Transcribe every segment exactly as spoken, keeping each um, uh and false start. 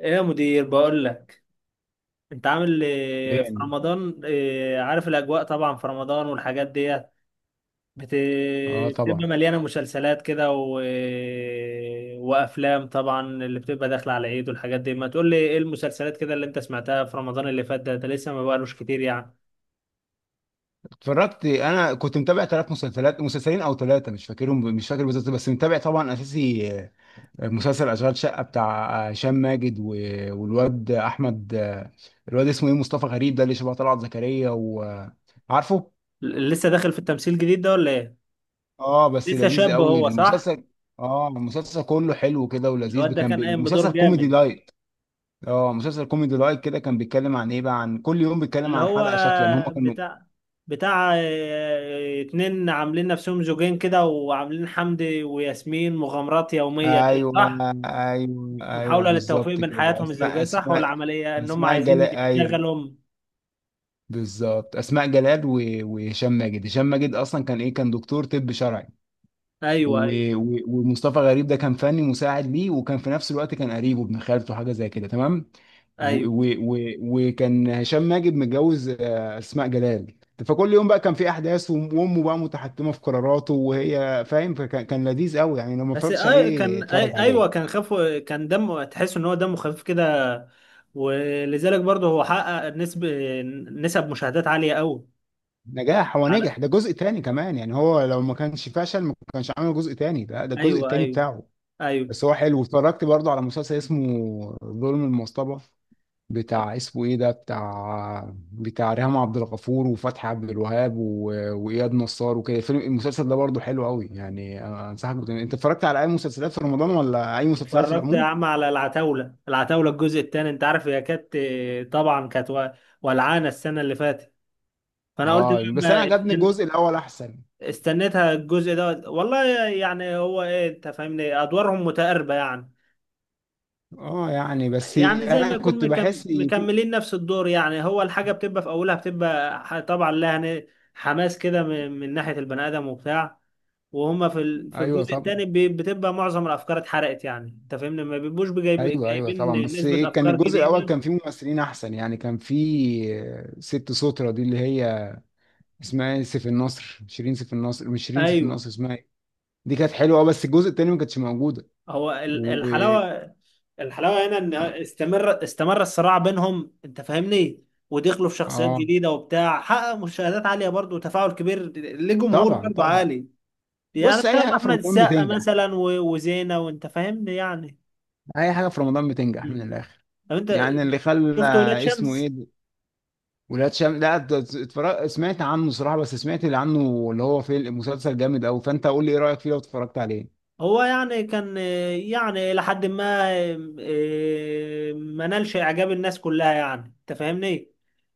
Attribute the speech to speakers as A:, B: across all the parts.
A: ايه يا مدير بقول لك، انت عامل إيه في
B: يعني
A: رمضان؟ إيه، عارف الاجواء طبعا في رمضان والحاجات ديت. بت-
B: اه
A: بتبقى
B: طبعا،
A: مليانه مسلسلات كده و... وافلام طبعا اللي بتبقى داخله على العيد والحاجات دي. ما تقول لي ايه المسلسلات كده اللي انت سمعتها في رمضان اللي فات؟ ده ده لسه ما بقالوش كتير يعني.
B: اتفرجت. انا كنت متابع ثلاث مسلسلات، مسلسلين او ثلاثه مش فاكرهم، مش فاكر بالظبط، بس متابع طبعا اساسي. آه، مسلسل اشغال شقه بتاع آه، هشام ماجد و- والواد احمد، آه، الواد اسمه ايه، مصطفى غريب، ده اللي شبه طلعت زكريا وعارفه.
A: ل- لسه داخل في التمثيل الجديد ده ولا ايه؟
B: اه بس
A: لسه
B: لذيذ
A: شاب
B: قوي
A: هو، صح؟
B: المسلسل. اه المسلسل كله حلو كده
A: الواد
B: ولذيذ،
A: ده
B: كان
A: كان
B: بي...
A: قايم
B: مسلسل
A: بدور
B: كوميدي
A: جامد.
B: لايت. اه مسلسل كوميدي لايت كده، كان بيتكلم عن ايه بقى، عن كل يوم بيتكلم
A: اللي
B: عن
A: هو
B: حلقه شكل، يعني هم كانوا.
A: بتاع، بتاع آه، اتنين عاملين نفسهم زوجين كده، وعاملين حمدي وياسمين مغامرات يومية كده،
B: ايوه،
A: صح؟
B: ايوه ايوه
A: محاولة للتوفيق
B: بالظبط
A: بين
B: كده.
A: حياتهم
B: اسماء،
A: الزوجية، صح؟ ولا
B: اسماء
A: عملية ان هم
B: اسماء
A: عايزين
B: جلال، ايوه
A: يشتغلوا.
B: بالظبط اسماء جلال و- وهشام ماجد هشام ماجد اصلا كان ايه، كان دكتور طب شرعي،
A: ايوه، ايوه،
B: و- و- ومصطفى غريب ده كان فني مساعد ليه، وكان في نفس الوقت كان قريبه ابن خالته حاجه زي كده، تمام. و-
A: ايوه.
B: و- و- وكان هشام ماجد متجوز آه، اسماء جلال. فكل يوم بقى كان في احداث، وأم- وامه بقى متحكمه في قراراته وهي فاهم. فكان كان لذيذ قوي يعني، لو ما
A: بس
B: اتفرجتش
A: أي
B: عليه
A: كان،
B: اتفرج
A: أي، ايوه،
B: عليه.
A: كان خفه، كان دمه، تحس ان هو دمه خفيف كده. ولذلك برضه هو حقق نسب، نسب مشاهدات عالية قوي.
B: نجاح، هو
A: على،
B: نجح، ده جزء تاني كمان يعني، هو لو ما كانش فشل ما كانش عمل جزء تاني، ده ده الجزء
A: ايوه،
B: التاني
A: ايوه،
B: بتاعه.
A: ايوه.
B: بس هو حلو. اتفرجت برضه على مسلسل اسمه ظلم المصطبة، بتاع اسمه ايه ده، بتاع بتاع ريهام عبد الغفور وفتحي عبد الوهاب و... واياد نصار وكده. الفيلم المسلسل ده برضه حلو قوي يعني، أنا انصحك. بتن- انت اتفرجت على اي مسلسلات في رمضان، ولا اي مسلسلات في
A: اتفرجت يا
B: العموم؟
A: عم على العتاولة، العتاولة الجزء الثاني، انت عارف. هي كانت طبعا كانت و- ولعانة السنة اللي فاتت، فانا قلت
B: اه بس انا
A: لما
B: عجبني الجزء الاول احسن.
A: استنيتها الجزء ده والله. يعني هو ايه، انت فاهمني، ادوارهم متقاربة يعني.
B: اه يعني بس
A: يعني زي
B: انا
A: ما يكون
B: كنت
A: مكم...
B: بحس إيه في...
A: مكملين نفس الدور. يعني هو الحاجة بتبقى في أولها بتبقى ح- طبعا لها ن- حماس كده من... من ناحية البني آدم وبتاع. وهم في ال... في
B: ايوه
A: الجزء
B: طبعا.
A: التاني ب... بتبقى معظم الأفكار اتحرقت يعني، أنت فاهمني. ما بيبقوش بجايب...
B: ايوه ايوه طبعا،
A: جايبين
B: بس
A: نسبة
B: ايه، كان
A: أفكار
B: الجزء الاول
A: جديدة.
B: كان فيه ممثلين احسن يعني، كان فيه آه، ست سوترة دي اللي هي اسمها ايه، سيف النصر، شيرين سيف النصر، مش شيرين سيف
A: أيوه.
B: النصر اسمها ايه. دي كانت حلوه، اه بس الجزء التاني ما كانتش موجوده.
A: هو ال-
B: و
A: الحلاوة، الحلاوة هنا إن
B: اه
A: استمر، استمر الصراع بينهم، أنت فاهمني. ودخلوا في شخصيات
B: آه،
A: جديدة وبتاع، حقق مشاهدات عالية برضه وتفاعل كبير لجمهور
B: طبعا
A: برضه
B: طبعا.
A: عالي. يعني
B: بص، اي
A: بسبب
B: حاجه في
A: احمد
B: رمضان
A: السقا
B: بتنجح،
A: مثلا و- وزينة، وانت فاهمني يعني.
B: اي حاجه في رمضان بتنجح من
A: مم.
B: الاخر.
A: طب انت
B: يعني اللي خلى
A: شفت ولاد
B: اسمه ايه
A: شمس؟
B: ده؟ ولاد شمس، لا، ات- اتفرج... سمعت عنه صراحه، بس سمعت اللي عنه اللي هو في مسلسل جامد قوي، فانت قول لي ايه رايك فيه لو اتفرجت عليه.
A: هو يعني كان، آه، يعني لحد ما، آه، ما نالش اعجاب الناس كلها يعني، انت فاهمني.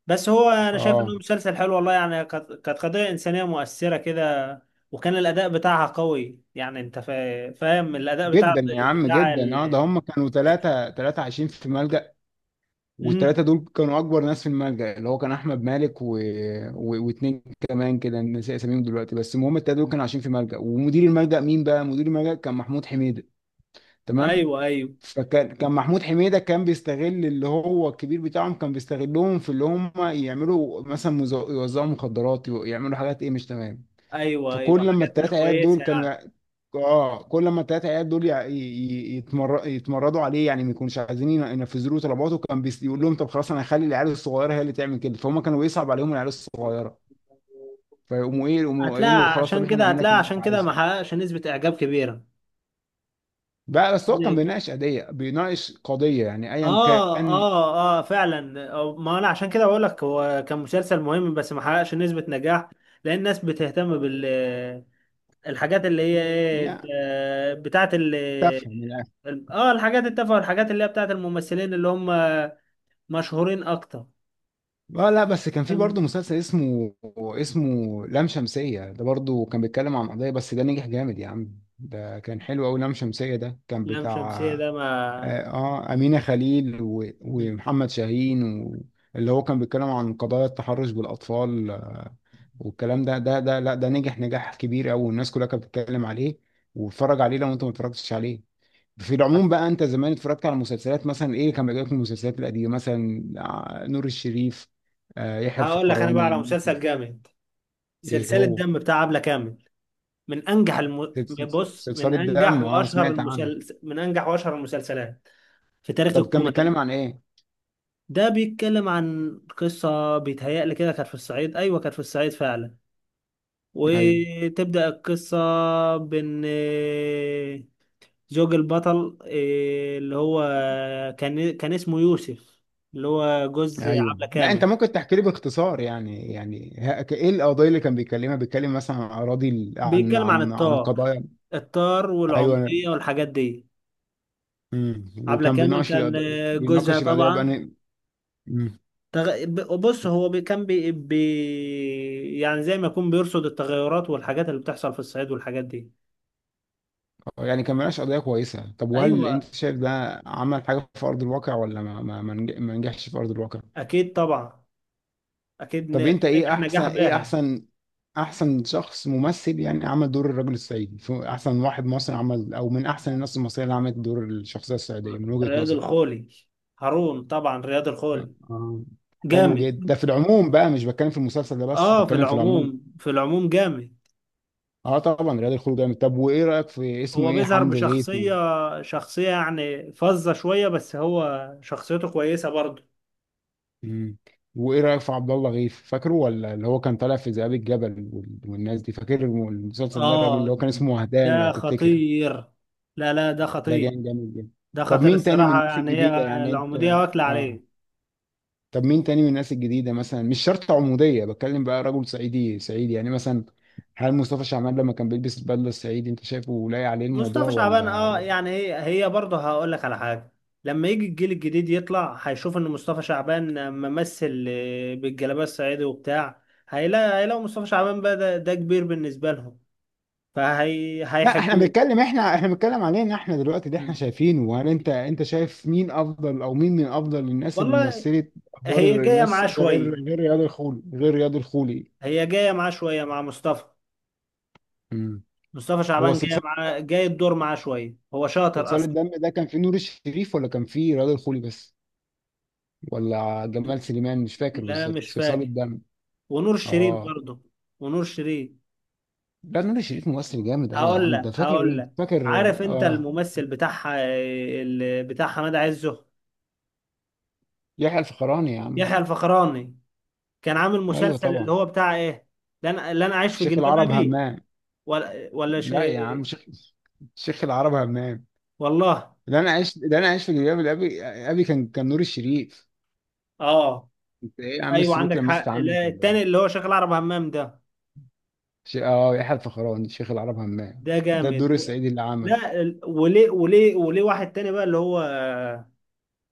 A: بس هو انا شايف انه
B: اه
A: مسلسل حلو والله يعني. كانت، كانت قضية انسانية مؤثرة كده. وكان الاداء بتاعها قوي يعني، انت فا- فاهم الاداء بتاع،
B: جدا يا عم،
A: بتاع
B: جدا. اه،
A: ال...
B: ده هم كانوا ثلاثة، ثلاثة عايشين في ملجأ،
A: مم.
B: والثلاثة دول كانوا أكبر ناس في الملجأ، اللي هو كان أحمد مالك و... و... واتنين كمان كده نسي أساميهم دلوقتي، بس المهم الثلاثة دول كانوا عايشين في ملجأ، ومدير الملجأ مين بقى؟ مدير الملجأ كان محمود حميدة، تمام؟
A: ايوه، ايوه،
B: فكان كان محمود حميدة كان بيستغل اللي هو الكبير بتاعهم، كان بيستغلهم في اللي هم يعملوا مثلا مز- يوزعوا مخدرات، يعملوا حاجات إيه، مش تمام.
A: ايوه، ايوه
B: فكل لما
A: حاجات مش
B: التلاتة عيال دول
A: كويسة
B: كانوا يع- اه كل لما التلاتة عيال دول يع- ي- ي- يتمر... يتمردوا عليه، يعني ما يكونوش عايزين ين- ينفذوا له طلباته، كان بيس... يقول لهم طب خلاص انا هخلي العيال الصغيره هي اللي تعمل كده، فهم كانوا بيصعب عليهم العيال
A: يعني.
B: الصغيره، فيقوموا ايه، يقوموا قايلين له
A: هتلاقي
B: خلاص طب
A: عشان
B: احنا
A: كده،
B: نعمل لك
A: هتلاقي
B: اللي انت
A: عشان كده ما
B: عايزه.
A: حققش نسبة إعجاب كبيرة.
B: بقى بس هو كان بيناقش قضيه، بيناقش قضيه يعني ايا
A: اه،
B: كان،
A: اه، اه، فعلا. أو- ما انا عشان كده بقول لك، هو كان مسلسل مهم بس ما حققش نسبة نجاح. لأن الناس بتهتم بال، الحاجات اللي هي ايه،
B: يعني
A: آه، بتاعت ال،
B: تفهم.
A: اه الحاجات التافهة، والحاجات اللي هي بتاعت الممثلين اللي هم مشهورين اكتر.
B: اه لا، بس كان في
A: فاهم؟
B: برضه مسلسل اسمه اسمه لام شمسية، ده برضه كان بيتكلم عن قضية، بس ده نجح جامد يا عم، ده كان حلو أوي. لام شمسية ده كان
A: لام
B: بتاع
A: شمسية ده ما،
B: اه آه، أمينة خليل و... ومحمد شاهين و... اللي هو كان بيتكلم عن قضايا التحرش بالأطفال والكلام ده. ده ده لا، ده نجح نجاح كبير أوي، والناس كلها كانت بتتكلم عليه، واتفرج عليه لو أنت ما اتفرجتش عليه. في العموم بقى، انت زمان اتفرجت على مسلسلات مثلا، ايه كان بيجيلك من المسلسلات القديمه، مثلا آه، نور الشريف، آه، يحيى
A: هقول لك انا بقى على
B: الفخراني؟
A: مسلسل جامد.
B: ايه
A: سلسلة
B: هو
A: دم بتاع عبلة كامل، من انجح الم... بص من
B: سلسله دم؟
A: انجح
B: اه،
A: واشهر
B: سمعت عنه.
A: المسلسل من انجح واشهر المسلسلات في تاريخ
B: طب كان
A: الكوميدي.
B: بيتكلم عن ايه؟
A: ده بيتكلم عن قصه بيتهيألي كده كانت في الصعيد، ايوه كانت في الصعيد فعلا.
B: ايوه
A: وتبدأ القصه بان زوج البطل، إيه، اللي هو كان، كان اسمه يوسف، اللي هو جوز
B: ايوه.
A: عبلة
B: لا انت
A: كامل.
B: ممكن تحكي لي باختصار يعني، يعني ه- ك- ايه القضايا اللي كان بيتكلمها، بيتكلم مثلا عن اراضي ال- عن
A: بيتكلم عن
B: عن عن
A: الطار،
B: قضايا؟
A: الطار
B: ايوه.
A: والعمودية والحاجات دي.
B: مم.
A: عبلة
B: وكان
A: كامل
B: بيناقش
A: كان،
B: القضايا،
A: آه، جوزها
B: بيناقش القضايا بقى؟
A: طبعا، تغ... ب- بص هو بي... كان بي... بي... يعني زي ما يكون بيرصد التغيرات والحاجات اللي بتحصل في الصعيد والحاجات دي.
B: يعني كان ملهاش قضية كويسة. طب وهل انت
A: ايوه،
B: شايف ده عمل حاجة في أرض الواقع، ولا ما ما ما نج- ما نجحش في أرض الواقع؟
A: اكيد طبعا، اكيد
B: طب
A: ن-
B: انت ايه
A: نجح
B: احسن،
A: نجاح
B: ايه
A: باهر.
B: احسن، احسن شخص ممثل يعني عمل دور الرجل الصعيدي، في احسن واحد مصري عمل، او من احسن الناس المصرية اللي عملت دور الشخصية الصعيدية من وجهة
A: رياض
B: نظرك؟
A: الخولي، هارون طبعا، رياض الخولي
B: آه. حلو
A: جامد.
B: جدا، ده في العموم بقى، مش بتكلم في المسلسل ده بس،
A: اه، في
B: بتكلم في العموم.
A: العموم، في العموم جامد.
B: اه طبعا رياض الخلود جامد. طب وايه رأيك في اسمه
A: هو
B: ايه،
A: بيظهر
B: حمد غيث؟
A: بشخصية، شخصية يعني فظة شوية، بس هو شخصيته كويسة برضه.
B: مم. وايه رايك في عبد الله غيث؟ فاكره ولا؟ اللي هو كان طالع في ذئاب الجبل وال- والناس دي، فاكر المسلسل ده، الراجل اللي
A: اه،
B: هو كان اسمه وهدان لو
A: ده
B: تفتكر.
A: خطير. لا لا، ده
B: ده
A: خطير.
B: كان جامد جدا.
A: ده
B: طب
A: خطير
B: مين تاني من
A: الصراحة
B: الناس
A: يعني. هي
B: الجديده، يعني انت؟
A: العمودية واكلة
B: اه
A: عليه.
B: طب مين تاني من الناس الجديده مثلا، مش شرط عموديه، بتكلم بقى رجل صعيدي صعيدي يعني مثلا. هل مصطفى شعبان لما كان بيلبس البدله الصعيدي انت شايفه لايق عليه الموضوع
A: مصطفى شعبان،
B: ولا؟
A: اه، يعني هي، هي برضه هقول لك على حاجة. لما يجي الجيل الجديد يطلع هيشوف ان مصطفى شعبان ممثل، آه، بالجلابية الصعيدي وبتاع. هيلاقي هيلاقوا مصطفى شعبان بقى ده, ده كبير بالنسبة لهم، فهي
B: لا احنا
A: هيحبوه.
B: بنتكلم، احنا احنا بنتكلم علينا احنا دلوقتي اللي احنا
A: مم.
B: شايفينه، وهل انت، انت شايف مين افضل او مين من افضل الناس اللي
A: والله
B: مثلت ادوار
A: هي جاية
B: الناس
A: معاه
B: ده، غير،
A: شوية،
B: غير رياض الخولي، غير رياض الخولي؟
A: هي جاية معاه شوية مع مصطفى.
B: امم.
A: مصطفى
B: هو
A: شعبان جاية
B: صلصال،
A: معاه، جاي الدور معاه شوية، هو شاطر
B: صلصال
A: أصلا.
B: الدم ده كان فيه نور الشريف ولا كان فيه رياض الخولي بس، ولا جمال سليمان؟ مش فاكر
A: لا
B: بالظبط
A: مش
B: صلصال
A: فاكر.
B: الدم.
A: ونور الشريف
B: اه
A: برضه، ونور الشريف.
B: لا، نور الشريف ممثل جامد قوي يا
A: هقول
B: عم ده،
A: لك،
B: فاكر
A: هقول
B: ايه
A: لك.
B: فاكر.
A: عارف انت
B: اه
A: الممثل بتاعها، ال- بتاع حماد عزه.
B: يحيى الفخراني يا عم.
A: يحيى الفخراني كان عامل
B: ايوه
A: مسلسل
B: طبعا،
A: اللي هو بتاع ايه؟ لا انا، لا انا عايش في
B: شيخ
A: جلباب
B: العرب
A: ابي.
B: همام.
A: ولا ولا
B: لا يا عم،
A: شيء.
B: شيخ شيخ العرب همام.
A: والله.
B: اللي انا عايش، اللي انا عايش في جلباب الابي، ابي كان، كان نور الشريف.
A: اه،
B: انت ايه يا عم،
A: ايوه
B: السلوك
A: عندك
B: لمست
A: حق.
B: عنك
A: لا،
B: ولا
A: التاني
B: ايه؟
A: اللي هو شغال عرب همام ده.
B: شي... اه، يحيى الفخراني شيخ العرب همام،
A: ده
B: ده
A: جامد
B: الدور
A: و...
B: السعيدي اللي عمل.
A: لا ال- وليه، وليه، وليه واحد تاني بقى اللي هو،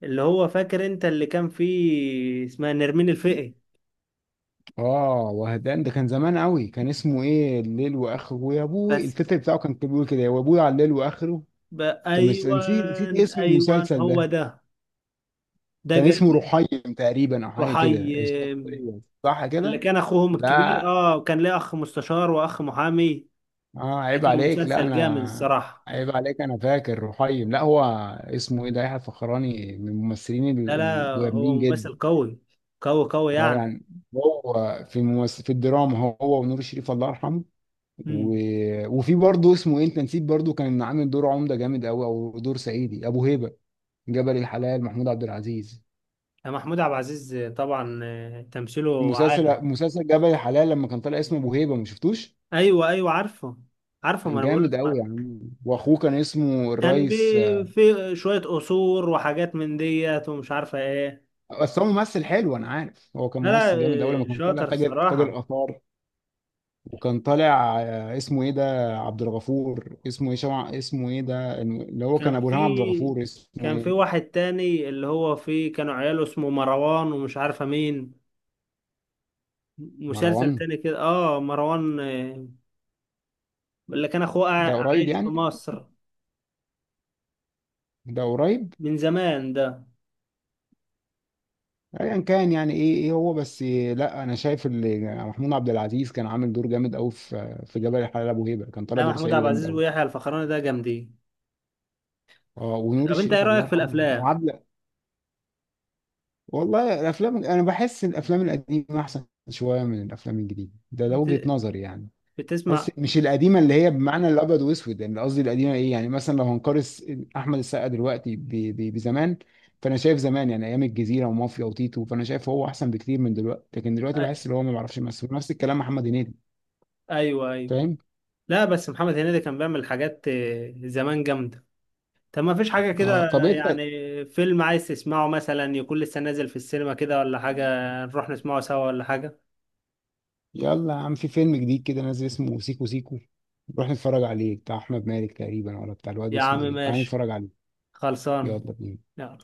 A: اللي هو فاكر انت اللي كان فيه اسمها نرمين الفقي.
B: اه وهدان ده كان زمان قوي، كان اسمه ايه، الليل واخره، ويا ابوي
A: بس
B: التتر بتاعه كان، كان بيقول كده، يا ابوي على الليل واخره.
A: ب...
B: كان مش،
A: ايوه،
B: نسيت نسيت اسم
A: ايوه،
B: المسلسل
A: هو
B: ده.
A: ده، ده
B: كان اسمه
A: جامد.
B: رحيم تقريبا او حاجه
A: رحي،
B: كده الشخصيه، صح
A: اللي
B: كده؟
A: كان اخوهم الكبير،
B: لا.
A: اه كان ليه اخ مستشار واخ محامي.
B: اه عيب
A: لكن
B: عليك، لا
A: المسلسل جامد
B: انا،
A: الصراحه.
B: عيب عليك انا فاكر رحيم. لا هو اسمه ايه ده، يحيى الفخراني من الممثلين ال-
A: لا لا، هو
B: الجامدين
A: ممثل
B: جدا.
A: قوي، قوي، قوي
B: اه
A: يعني.
B: يعني هو، في ممثل في الدراما هو ونور الشريف الله يرحمه، و...
A: امم.
B: وفي برضه اسمه ايه انت نسيت، برضه كان عامل دور عمده جامد قوي، او دور صعيدي، ابو هيبه، جبل الحلال، محمود عبد العزيز.
A: محمود عبد العزيز طبعا، آه، تمثيله عالي.
B: المسلسل مسلسل جبل الحلال، لما كان طالع اسمه ابو هيبه، ما شفتوش؟
A: ايوه، ايوه عارفه، عارفه ما
B: كان
A: انا بقول
B: جامد
A: لك
B: قوي
A: ما-
B: يعني، واخوه كان اسمه
A: كان بي
B: الريس.
A: في شويه قصور وحاجات من ديت ومش عارفه ايه.
B: بس هو ممثل حلو، انا عارف هو كان
A: لا لا،
B: ممثل جامد اول، لما
A: آه،
B: كان طالع
A: شاطر
B: تاجر، تاجر
A: الصراحه.
B: اثار، وكان طالع آه، اسمه ايه ده، عبد الغفور اسمه ايه، شمع اسمه ايه ده، الم- اللي هو
A: كان
B: كان ابو
A: في،
B: الهام عبد الغفور اسمه
A: كان في
B: ايه،
A: واحد تاني اللي هو فيه كانوا عياله اسمه مروان ومش عارفة مين. مسلسل
B: مروان.
A: تاني كده، اه مروان، آه، اللي كان اخوه
B: ده
A: قاع-
B: قريب
A: عايش في
B: يعني،
A: مصر
B: ده قريب.
A: من زمان ده.
B: ايا كان يعني، ايه ايه هو بس، آه، لا انا شايف اللي محمود عبد العزيز كان عامل دور جامد قوي، في في جبل الحلال، ابو هيبه كان طالع
A: ده
B: دور
A: محمود
B: سعيدي
A: عبد
B: جامد
A: العزيز
B: قوي.
A: ويحيى الفخراني ده جامدين.
B: اه ونور
A: طب انت ايه
B: الشريف الله
A: رأيك في
B: يرحمه يعني.
A: الافلام؟
B: وعبد. والله الافلام انا بحس إن الافلام القديمه احسن شويه من الافلام الجديده، ده ده وجهه
A: بت...
B: نظري يعني. بحس
A: بتسمع؟
B: مش القديمه اللي هي بمعنى الابيض واسود يعني، قصدي القديمه ايه يعني، مثلا لو هنقارن احمد السقا دلوقتي ب- ب- بزمان، فانا شايف زمان، يعني ايام الجزيره ومافيا وتيتو، فانا شايف هو احسن بكتير من دلوقتي، لكن دلوقتي
A: أ-
B: بحس ان هو ما بيعرفش يمثل. نفس الكلام محمد هنيدي،
A: ايوه، ايوه.
B: فاهم.
A: لا بس محمد هنيدي كان بيعمل حاجات، آه، زمان جامدة. طب ما فيش حاجة
B: اه
A: كده
B: طب انت،
A: يعني فيلم عايز تسمعه مثلا، يكون لسه نازل في السينما كده ولا حاجة؟ نروح نسمعه سوا ولا حاجة؟
B: يلا يا عم، في فيلم جديد كده نازل اسمه سيكو سيكو، نروح نتفرج عليه، بتاع احمد مالك تقريبا، ولا بتاع الواد
A: يا عم
B: اسمه ايه، تعال
A: ماشي،
B: نتفرج عليه.
A: خلصان.
B: يلا بينا.
A: يلا.